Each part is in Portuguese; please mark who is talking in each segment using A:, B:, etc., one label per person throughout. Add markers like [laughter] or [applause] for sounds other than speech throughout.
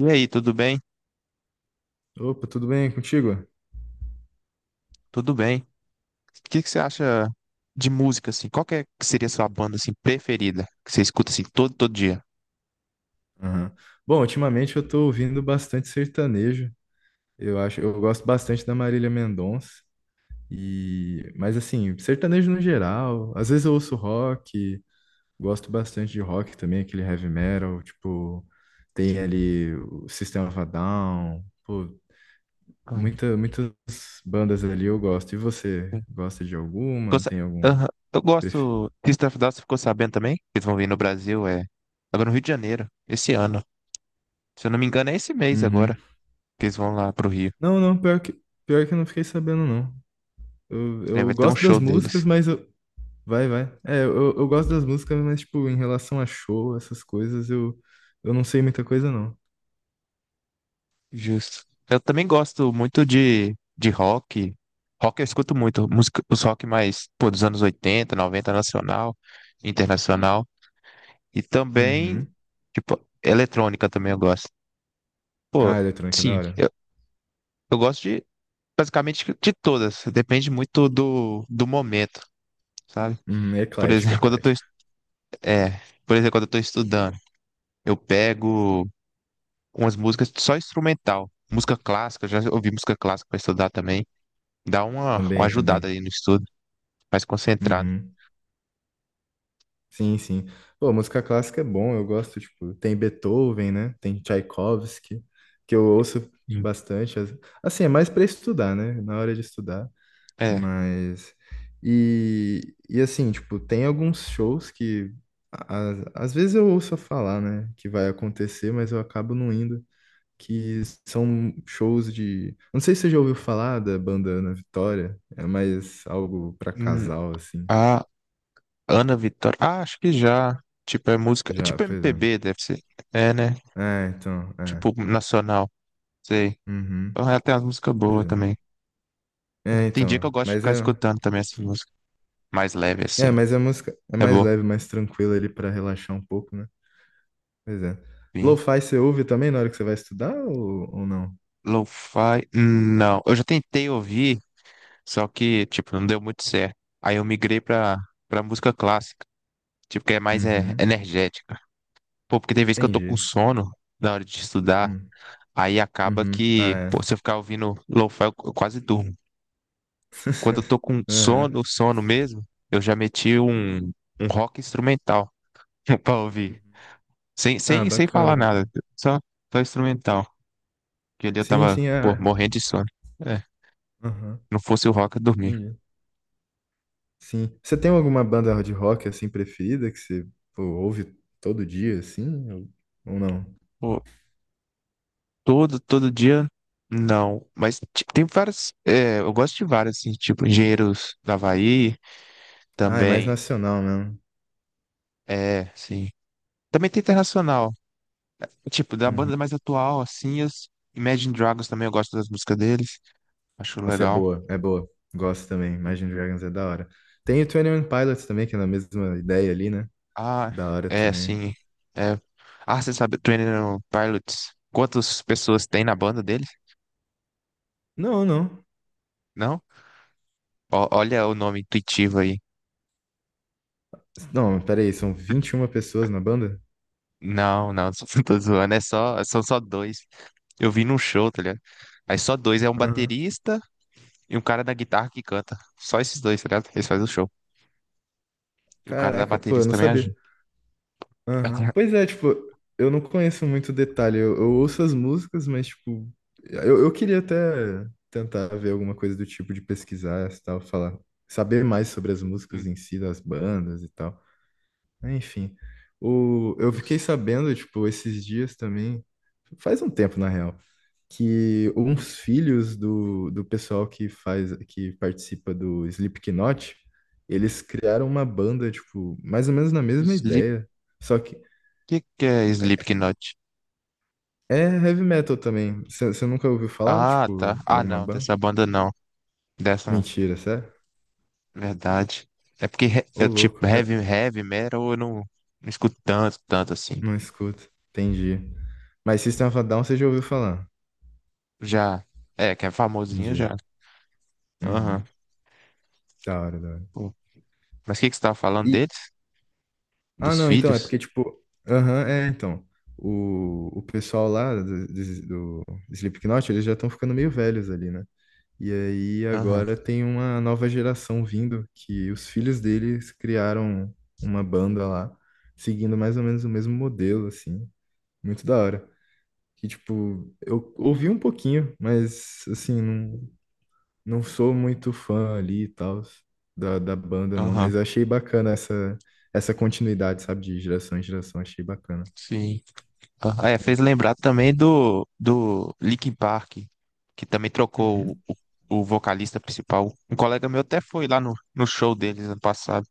A: E aí, tudo bem?
B: Opa, tudo bem contigo?
A: Tudo bem. O que que você acha de música, assim? Qual que, que seria a sua banda, assim, preferida? Que você escuta, assim, todo dia?
B: Aham. Bom, ultimamente eu tô ouvindo bastante sertanejo. Eu gosto bastante da Marília Mendonça. E, mas assim, sertanejo no geral. Às vezes eu ouço rock, gosto bastante de rock também, aquele heavy metal, tipo, tem
A: Sim.
B: ali o System of a Down, pô,
A: Hum,
B: muitas bandas ali eu gosto. E você,
A: sim.
B: gosta de alguma?
A: Gosta-
B: Tem algum
A: Aham. Eu
B: preferido?
A: gosto. System of a Down, você ficou sabendo também? Eles vão vir no Brasil. Agora no Rio de Janeiro, esse ano. Se eu não me engano, é esse mês
B: Uhum.
A: agora que eles vão lá pro Rio.
B: Não, não, pior que, eu não fiquei sabendo, não. Eu,
A: É,
B: eu
A: vai ter um
B: gosto das
A: show deles.
B: músicas, mas eu. Vai, vai. É, eu gosto das músicas, mas, tipo, em relação a show, essas coisas, eu não sei muita coisa, não.
A: Justo. Eu também gosto muito de rock. Rock eu escuto muito. Música, os rock mais, pô, dos anos 80, 90 nacional, internacional. E também,
B: Uhum.
A: tipo, eletrônica também eu gosto. Pô,
B: Ah, eletrônica, da
A: sim,
B: hora.
A: eu gosto de basicamente de todas. Depende muito do momento, sabe?
B: Uhum. É
A: Por
B: eclético, é
A: exemplo, [laughs]
B: eclético.
A: é, quando eu tô estudando, eu pego umas músicas só instrumental. Música clássica, já ouvi música clássica pra estudar também. Dá uma
B: Também,
A: ajudada
B: também.
A: aí no estudo, mais concentrado.
B: Uhum. Sim, sim. Pô, música clássica é bom, eu gosto, tipo, tem Beethoven, né? Tem Tchaikovsky, que eu ouço
A: Hum.
B: bastante. Assim, é mais pra estudar, né? Na hora de estudar.
A: É.
B: Mas. E assim, tipo, tem alguns shows que. Às vezes eu ouço falar, né? Que vai acontecer, mas eu acabo não indo. Que são shows de. Não sei se você já ouviu falar da banda Ana Vitória. É mais algo pra
A: Hum,
B: casal, assim.
A: a Ana Vitória. Ah, acho que já. Tipo, é música. É
B: Já,
A: tipo
B: pois é.
A: MPB, deve ser. É, né?
B: É, então. É.
A: Tipo, nacional. Sei.
B: Uhum.
A: O Rael tem umas músicas
B: Pois
A: boas
B: é.
A: também. É.
B: É,
A: Tem dia que eu
B: então.
A: gosto de
B: Mas
A: ficar
B: é.
A: escutando também essas músicas mais leve
B: É,
A: assim.
B: mas a música é
A: É
B: mais
A: boa.
B: leve, mais tranquila ali pra relaxar um pouco, né? Pois é.
A: Sim.
B: Lo-fi você ouve também na hora que você vai estudar ou não?
A: Lo-fi, não. Eu já tentei ouvir, só que, tipo, não deu muito certo. Aí eu migrei pra música clássica, tipo, que é mais
B: Uhum.
A: energética. Pô, porque tem vezes que eu tô com
B: Entendi.
A: sono na hora de estudar,
B: Hum.
A: aí acaba
B: Uhum.
A: que,
B: Ah,
A: pô,
B: é.
A: se eu ficar ouvindo lo-fi, eu quase durmo. Quando eu
B: [laughs]
A: tô com
B: Aham.
A: sono, sono mesmo, eu já meti um rock instrumental [laughs] pra ouvir.
B: Uhum.
A: Sem,
B: Ah,
A: sem, sem
B: bacana,
A: falar nada,
B: bacana.
A: só, só instrumental. Porque ali eu
B: Sim,
A: tava,
B: sim, é.
A: pô,
B: É.
A: morrendo de sono. É,
B: Aham.
A: não fosse o rock, eu dormia.
B: Entendi. Sim. Você tem alguma banda de rock assim preferida que você pô, ouve todo dia, assim? Ou não?
A: Pô, todo dia, não. Mas tem várias, eu gosto de várias, assim, tipo, Engenheiros do Havaí,
B: Ah, é mais
A: também,
B: nacional mesmo.
A: é, sim. Também tem internacional, tipo, da
B: Uhum.
A: banda mais atual, assim, as Imagine Dragons também, eu gosto das músicas deles, acho
B: Nossa, é
A: legal.
B: boa, é boa. Gosto também.
A: Sim.
B: Imagine Dragons é da hora. Tem o 21 Pilots também, que é na mesma ideia ali, né?
A: Ah,
B: Da hora
A: é,
B: também.
A: sim, é. Ah, você sabe, Training Pilots, quantas pessoas tem na banda deles?
B: Não, não.
A: Não? Ó, olha o nome intuitivo aí.
B: Não, peraí, são 21 pessoas na banda?
A: Não, não, [laughs] só tô zoando. São só dois. Eu vi num show, tá ligado? Aí só dois. É um baterista e um cara da guitarra que canta. Só esses dois, tá ligado? Eles fazem o show. E o cara da
B: Caraca, pô, eu
A: baterista
B: não
A: também ajuda.
B: sabia. Aham.
A: [laughs]
B: Pois é, tipo, eu não conheço muito detalhe. Eu ouço as músicas, mas, tipo, eu queria até tentar ver alguma coisa do tipo de pesquisar e tal, falar, saber mais sobre as músicas em si, das bandas e tal. Enfim, eu fiquei sabendo, tipo, esses dias também, faz um tempo na real que uns filhos do, pessoal que participa do Slipknot, eles criaram uma banda, tipo, mais ou menos na mesma
A: Sleep,
B: ideia. Só que
A: que que é Slipknot?
B: é heavy metal também. Você nunca ouviu falar,
A: Ah, tá.
B: tipo,
A: Ah,
B: alguma
A: não,
B: banda?
A: dessa banda não. Dessa não.
B: Mentira, sério?
A: Verdade. É porque, eu,
B: Ô, louco,
A: tipo,
B: é,
A: heavy metal eu não, não escuto tanto, tanto assim.
B: não escuto. Entendi. Mas System of a Down você já ouviu falar.
A: Já. É, que é famosinho
B: Entendi.
A: já.
B: Uhum.
A: Aham.
B: Da hora, da hora.
A: Mas o que, que você estava falando
B: E,
A: deles?
B: Ah,
A: Dos
B: não, então, é
A: filhos?
B: porque, tipo, aham, é, então, o pessoal lá do, do Slipknot, eles já estão ficando meio velhos ali, né? E aí
A: Aham,
B: agora tem uma nova geração vindo, que os filhos deles criaram uma banda lá, seguindo mais ou menos o mesmo modelo, assim, muito da hora. Que, tipo, eu ouvi um pouquinho, mas, assim, não, não sou muito fã ali e tal da banda, não,
A: aham,
B: mas achei bacana essa, continuidade, sabe, de geração em geração, achei bacana.
A: sim. Aham. Ah, é, fez lembrar também do Linkin Park, que também trocou
B: Hum.
A: o vocalista principal. Um colega meu até foi lá no show deles ano passado,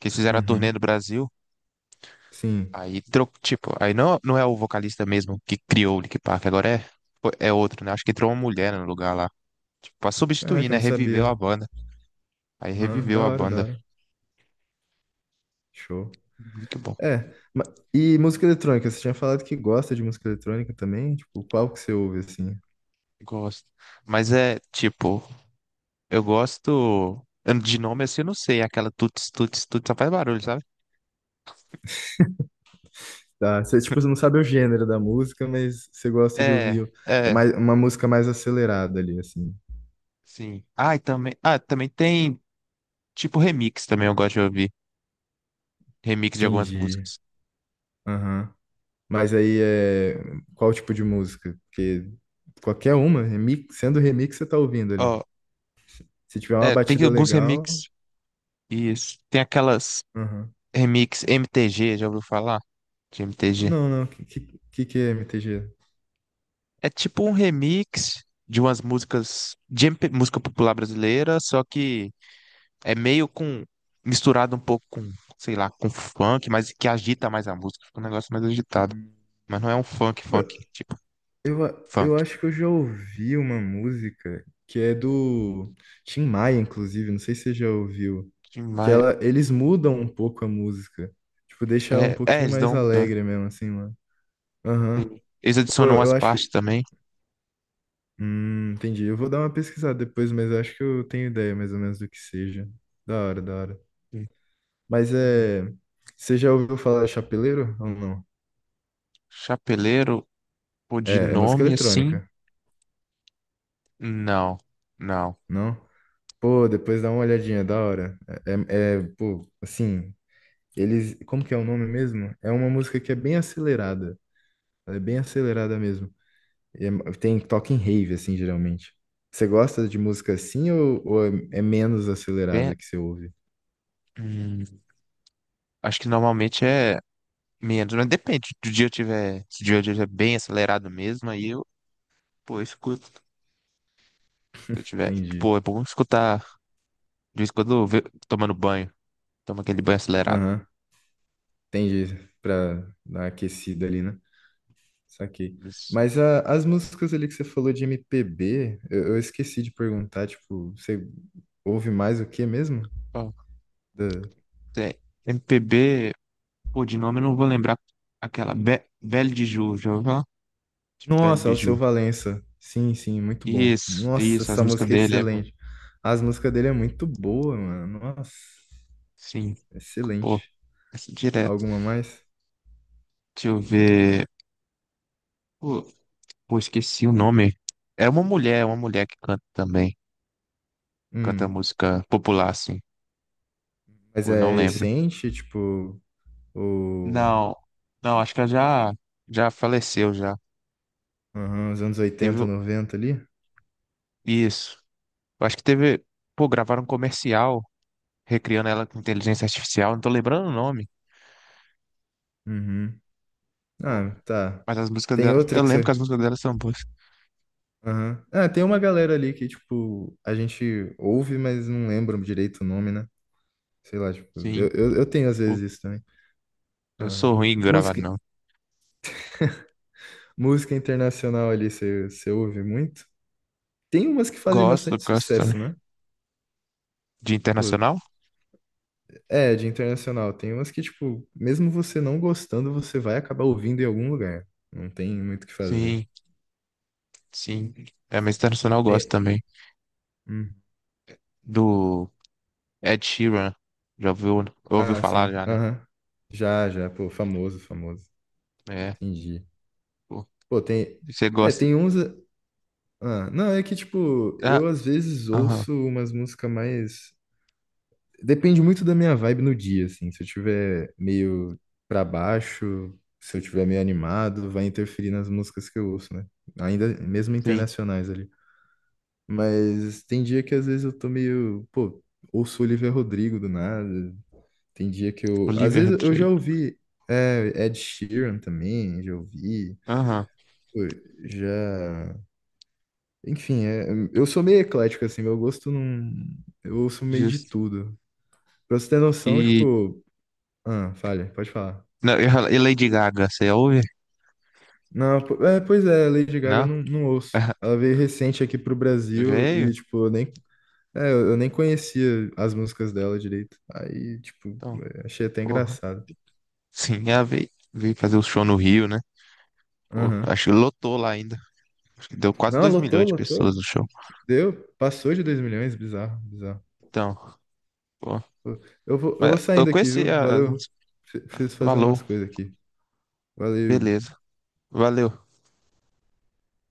A: que eles fizeram
B: Hum,
A: a turnê
B: Uhum.
A: no Brasil.
B: Sim.
A: Aí, tipo, aí não, não é o vocalista mesmo que criou o Linkin Park, agora é outro, né? Acho que entrou uma mulher no lugar lá. Tipo, pra substituir,
B: Caraca, eu
A: né?
B: não
A: Reviveu a
B: sabia.
A: banda. Aí
B: Aham,
A: reviveu
B: da
A: a
B: hora, da
A: banda.
B: hora. Show.
A: Muito bom.
B: É, e música eletrônica, você tinha falado que gosta de música eletrônica também? Tipo, qual que você ouve, assim?
A: Gosto. Mas é, tipo, eu gosto. De nome assim, eu não sei. Aquela tuts, tuts, tuts, só faz barulho, sabe?
B: Tá, você, tipo, você não sabe o gênero da música, mas você gosta de
A: É,
B: ouvir é
A: é,
B: mais, uma música mais acelerada ali, assim.
A: sim. Ah, e também, também tem tipo remix também, eu gosto de ouvir. Remix de algumas
B: Entendi.
A: músicas.
B: Aham. Mas aí é qual tipo de música? Porque qualquer uma, remix, sendo remix, você tá ouvindo ali.
A: Ó,
B: Se tiver uma
A: tem
B: batida
A: alguns
B: legal.
A: remix. Isso. Tem aquelas
B: Aham.
A: remix MTG, já ouviu falar? De MTG.
B: Não, não. Que é MTG?
A: É tipo um remix de umas músicas de MP música popular brasileira, só que É meio com. Misturado um pouco com, sei lá, com funk, mas que agita mais a música. Fica um negócio mais agitado.
B: Hum.
A: Mas não é um funk,
B: Pô,
A: funk, tipo, funk.
B: eu acho que eu já ouvi uma música que é do Tim Maia, inclusive. Não sei se você já ouviu.
A: Mas,
B: Eles mudam um pouco a música. Tipo, deixa ela um pouquinho
A: eles dão
B: mais
A: uma mudança.
B: alegre mesmo, assim, mano. Aham.
A: Sim. Eles
B: Pô,
A: adicionam umas
B: eu acho
A: partes
B: que
A: também.
B: Entendi. Eu vou dar uma pesquisada depois, mas eu acho que eu tenho ideia mais ou menos do que seja. Da hora, da hora.
A: Sim,
B: Mas
A: legal.
B: é. Você já ouviu falar de chapeleiro ou não?
A: Chapeleiro, pô, de
B: É música
A: nome assim?
B: eletrônica,
A: Não, não.
B: não? Pô, depois dá uma olhadinha, da hora. Pô, assim, eles. Como que é o nome mesmo? É uma música que é bem acelerada. Ela é bem acelerada mesmo. E tem toque em rave, assim, geralmente. Você gosta de música assim ou, é, menos
A: Bem,
B: acelerada que você ouve?
A: hum, acho que normalmente é menos, mas depende. Se o dia eu tiver, se o dia eu tiver bem acelerado mesmo, aí, pô, eu escuto. Se eu tiver,
B: Entendi.
A: pô, é bom escutar. De vez em quando, tomando banho. Toma aquele banho acelerado.
B: Aham. Entendi, pra dar uma aquecida ali, né? Saquei.
A: Isso.
B: Mas as músicas ali que você falou de MPB, eu esqueci de perguntar, tipo, você ouve mais o que mesmo?
A: Ó,
B: Da-
A: tem MPB, pô, de nome eu não vou lembrar. Aquela Be Belle de Ju, já ouviu falar? Belle
B: Nossa, o Seu
A: Biju.
B: Valença. Sim, sim, muito bom.
A: Isso,
B: Nossa,
A: isso, as
B: essa
A: músicas
B: música é
A: dele é bom.
B: excelente. As músicas dele é muito boa, mano. Nossa,
A: Sim, pô,
B: excelente.
A: essa é direto.
B: Alguma mais?
A: Deixa eu ver. Pô, pô, esqueci o nome. É uma mulher que canta também. Canta
B: Hum,
A: música popular, assim.
B: mas
A: Pô, não
B: é
A: lembro.
B: recente, tipo, o...
A: Não, não, acho que ela já faleceu já.
B: Aham, os anos
A: Teve
B: 80,
A: o-
B: 90 ali?
A: isso. Eu acho que teve. Pô, gravaram um comercial recriando ela com inteligência artificial. Não tô lembrando o nome.
B: Uhum.
A: Pô,
B: Ah, tá.
A: mas as músicas
B: Tem
A: dela.
B: outra
A: Eu
B: que
A: lembro que as
B: você.
A: músicas dela são boas.
B: Aham. Ah, tem uma galera ali que, tipo, a gente ouve, mas não lembra direito o nome, né? Sei lá, tipo,
A: Sim.
B: eu tenho às
A: Pô,
B: vezes isso também.
A: eu sou
B: Aham.
A: ruim em gravar,
B: Música,
A: não.
B: música internacional ali, você ouve muito? Tem umas que fazem
A: Gosto,
B: bastante
A: gosto também.
B: sucesso, né?
A: De
B: Pô,
A: internacional?
B: é, de internacional. Tem umas que, tipo, mesmo você não gostando, você vai acabar ouvindo em algum lugar. Não tem muito o que fazer.
A: Sim, sim. É, mas internacional eu gosto
B: Tem-
A: também.
B: hum.
A: Do Ed Sheeran. Já ouviu
B: Ah,
A: falar
B: sim.
A: já, né?
B: Aham. Já, já. Pô, famoso, famoso.
A: É.
B: Entendi.
A: Pô,
B: Pô, tem.
A: você
B: É,
A: gosta.
B: tem uns. Ah, não, é que, tipo,
A: Ah,
B: eu às vezes
A: aham,
B: ouço umas músicas mais. Depende muito da minha vibe no dia, assim. Se eu tiver meio pra baixo, se eu tiver meio animado, vai interferir nas músicas que eu ouço, né? Ainda mesmo
A: sim.
B: internacionais ali. Mas tem dia que às vezes eu tô meio. Pô, ouço Olivia Rodrigo do nada. Tem dia que eu. Às
A: Olivia
B: vezes eu já
A: Rodrigo.
B: ouvi é, Ed Sheeran também, já ouvi.
A: Aham,
B: Pô, já. Enfim, eu sou meio eclético, assim, meu gosto não. Eu ouço meio de
A: justo.
B: tudo. Pra você ter noção,
A: E.
B: tipo. Ah, falha, pode falar.
A: Não, e Lady Gaga, você ouve?
B: Não, pois é, Lady Gaga eu
A: Não?
B: não ouço.
A: [laughs]
B: Ela veio recente aqui pro Brasil
A: Veio.
B: e, tipo, eu nem. É, eu nem conhecia as músicas dela direito. Aí, tipo,
A: Então,
B: é, achei até
A: porra.
B: engraçado.
A: Sim, veio fazer o show no Rio, né? Pô,
B: Aham.
A: acho que lotou lá ainda. Acho que deu quase
B: Não,
A: 2
B: lotou,
A: milhões de pessoas
B: lotou.
A: no show.
B: Deu. Passou de 2 milhões, bizarro, bizarro.
A: Então, pô.
B: Pô, eu
A: Mas
B: vou
A: eu
B: saindo aqui,
A: conheci
B: viu?
A: a
B: Valeu.
A: música.
B: Preciso fazer
A: Valor.
B: umas coisas aqui. Valeu.
A: Beleza. Valeu.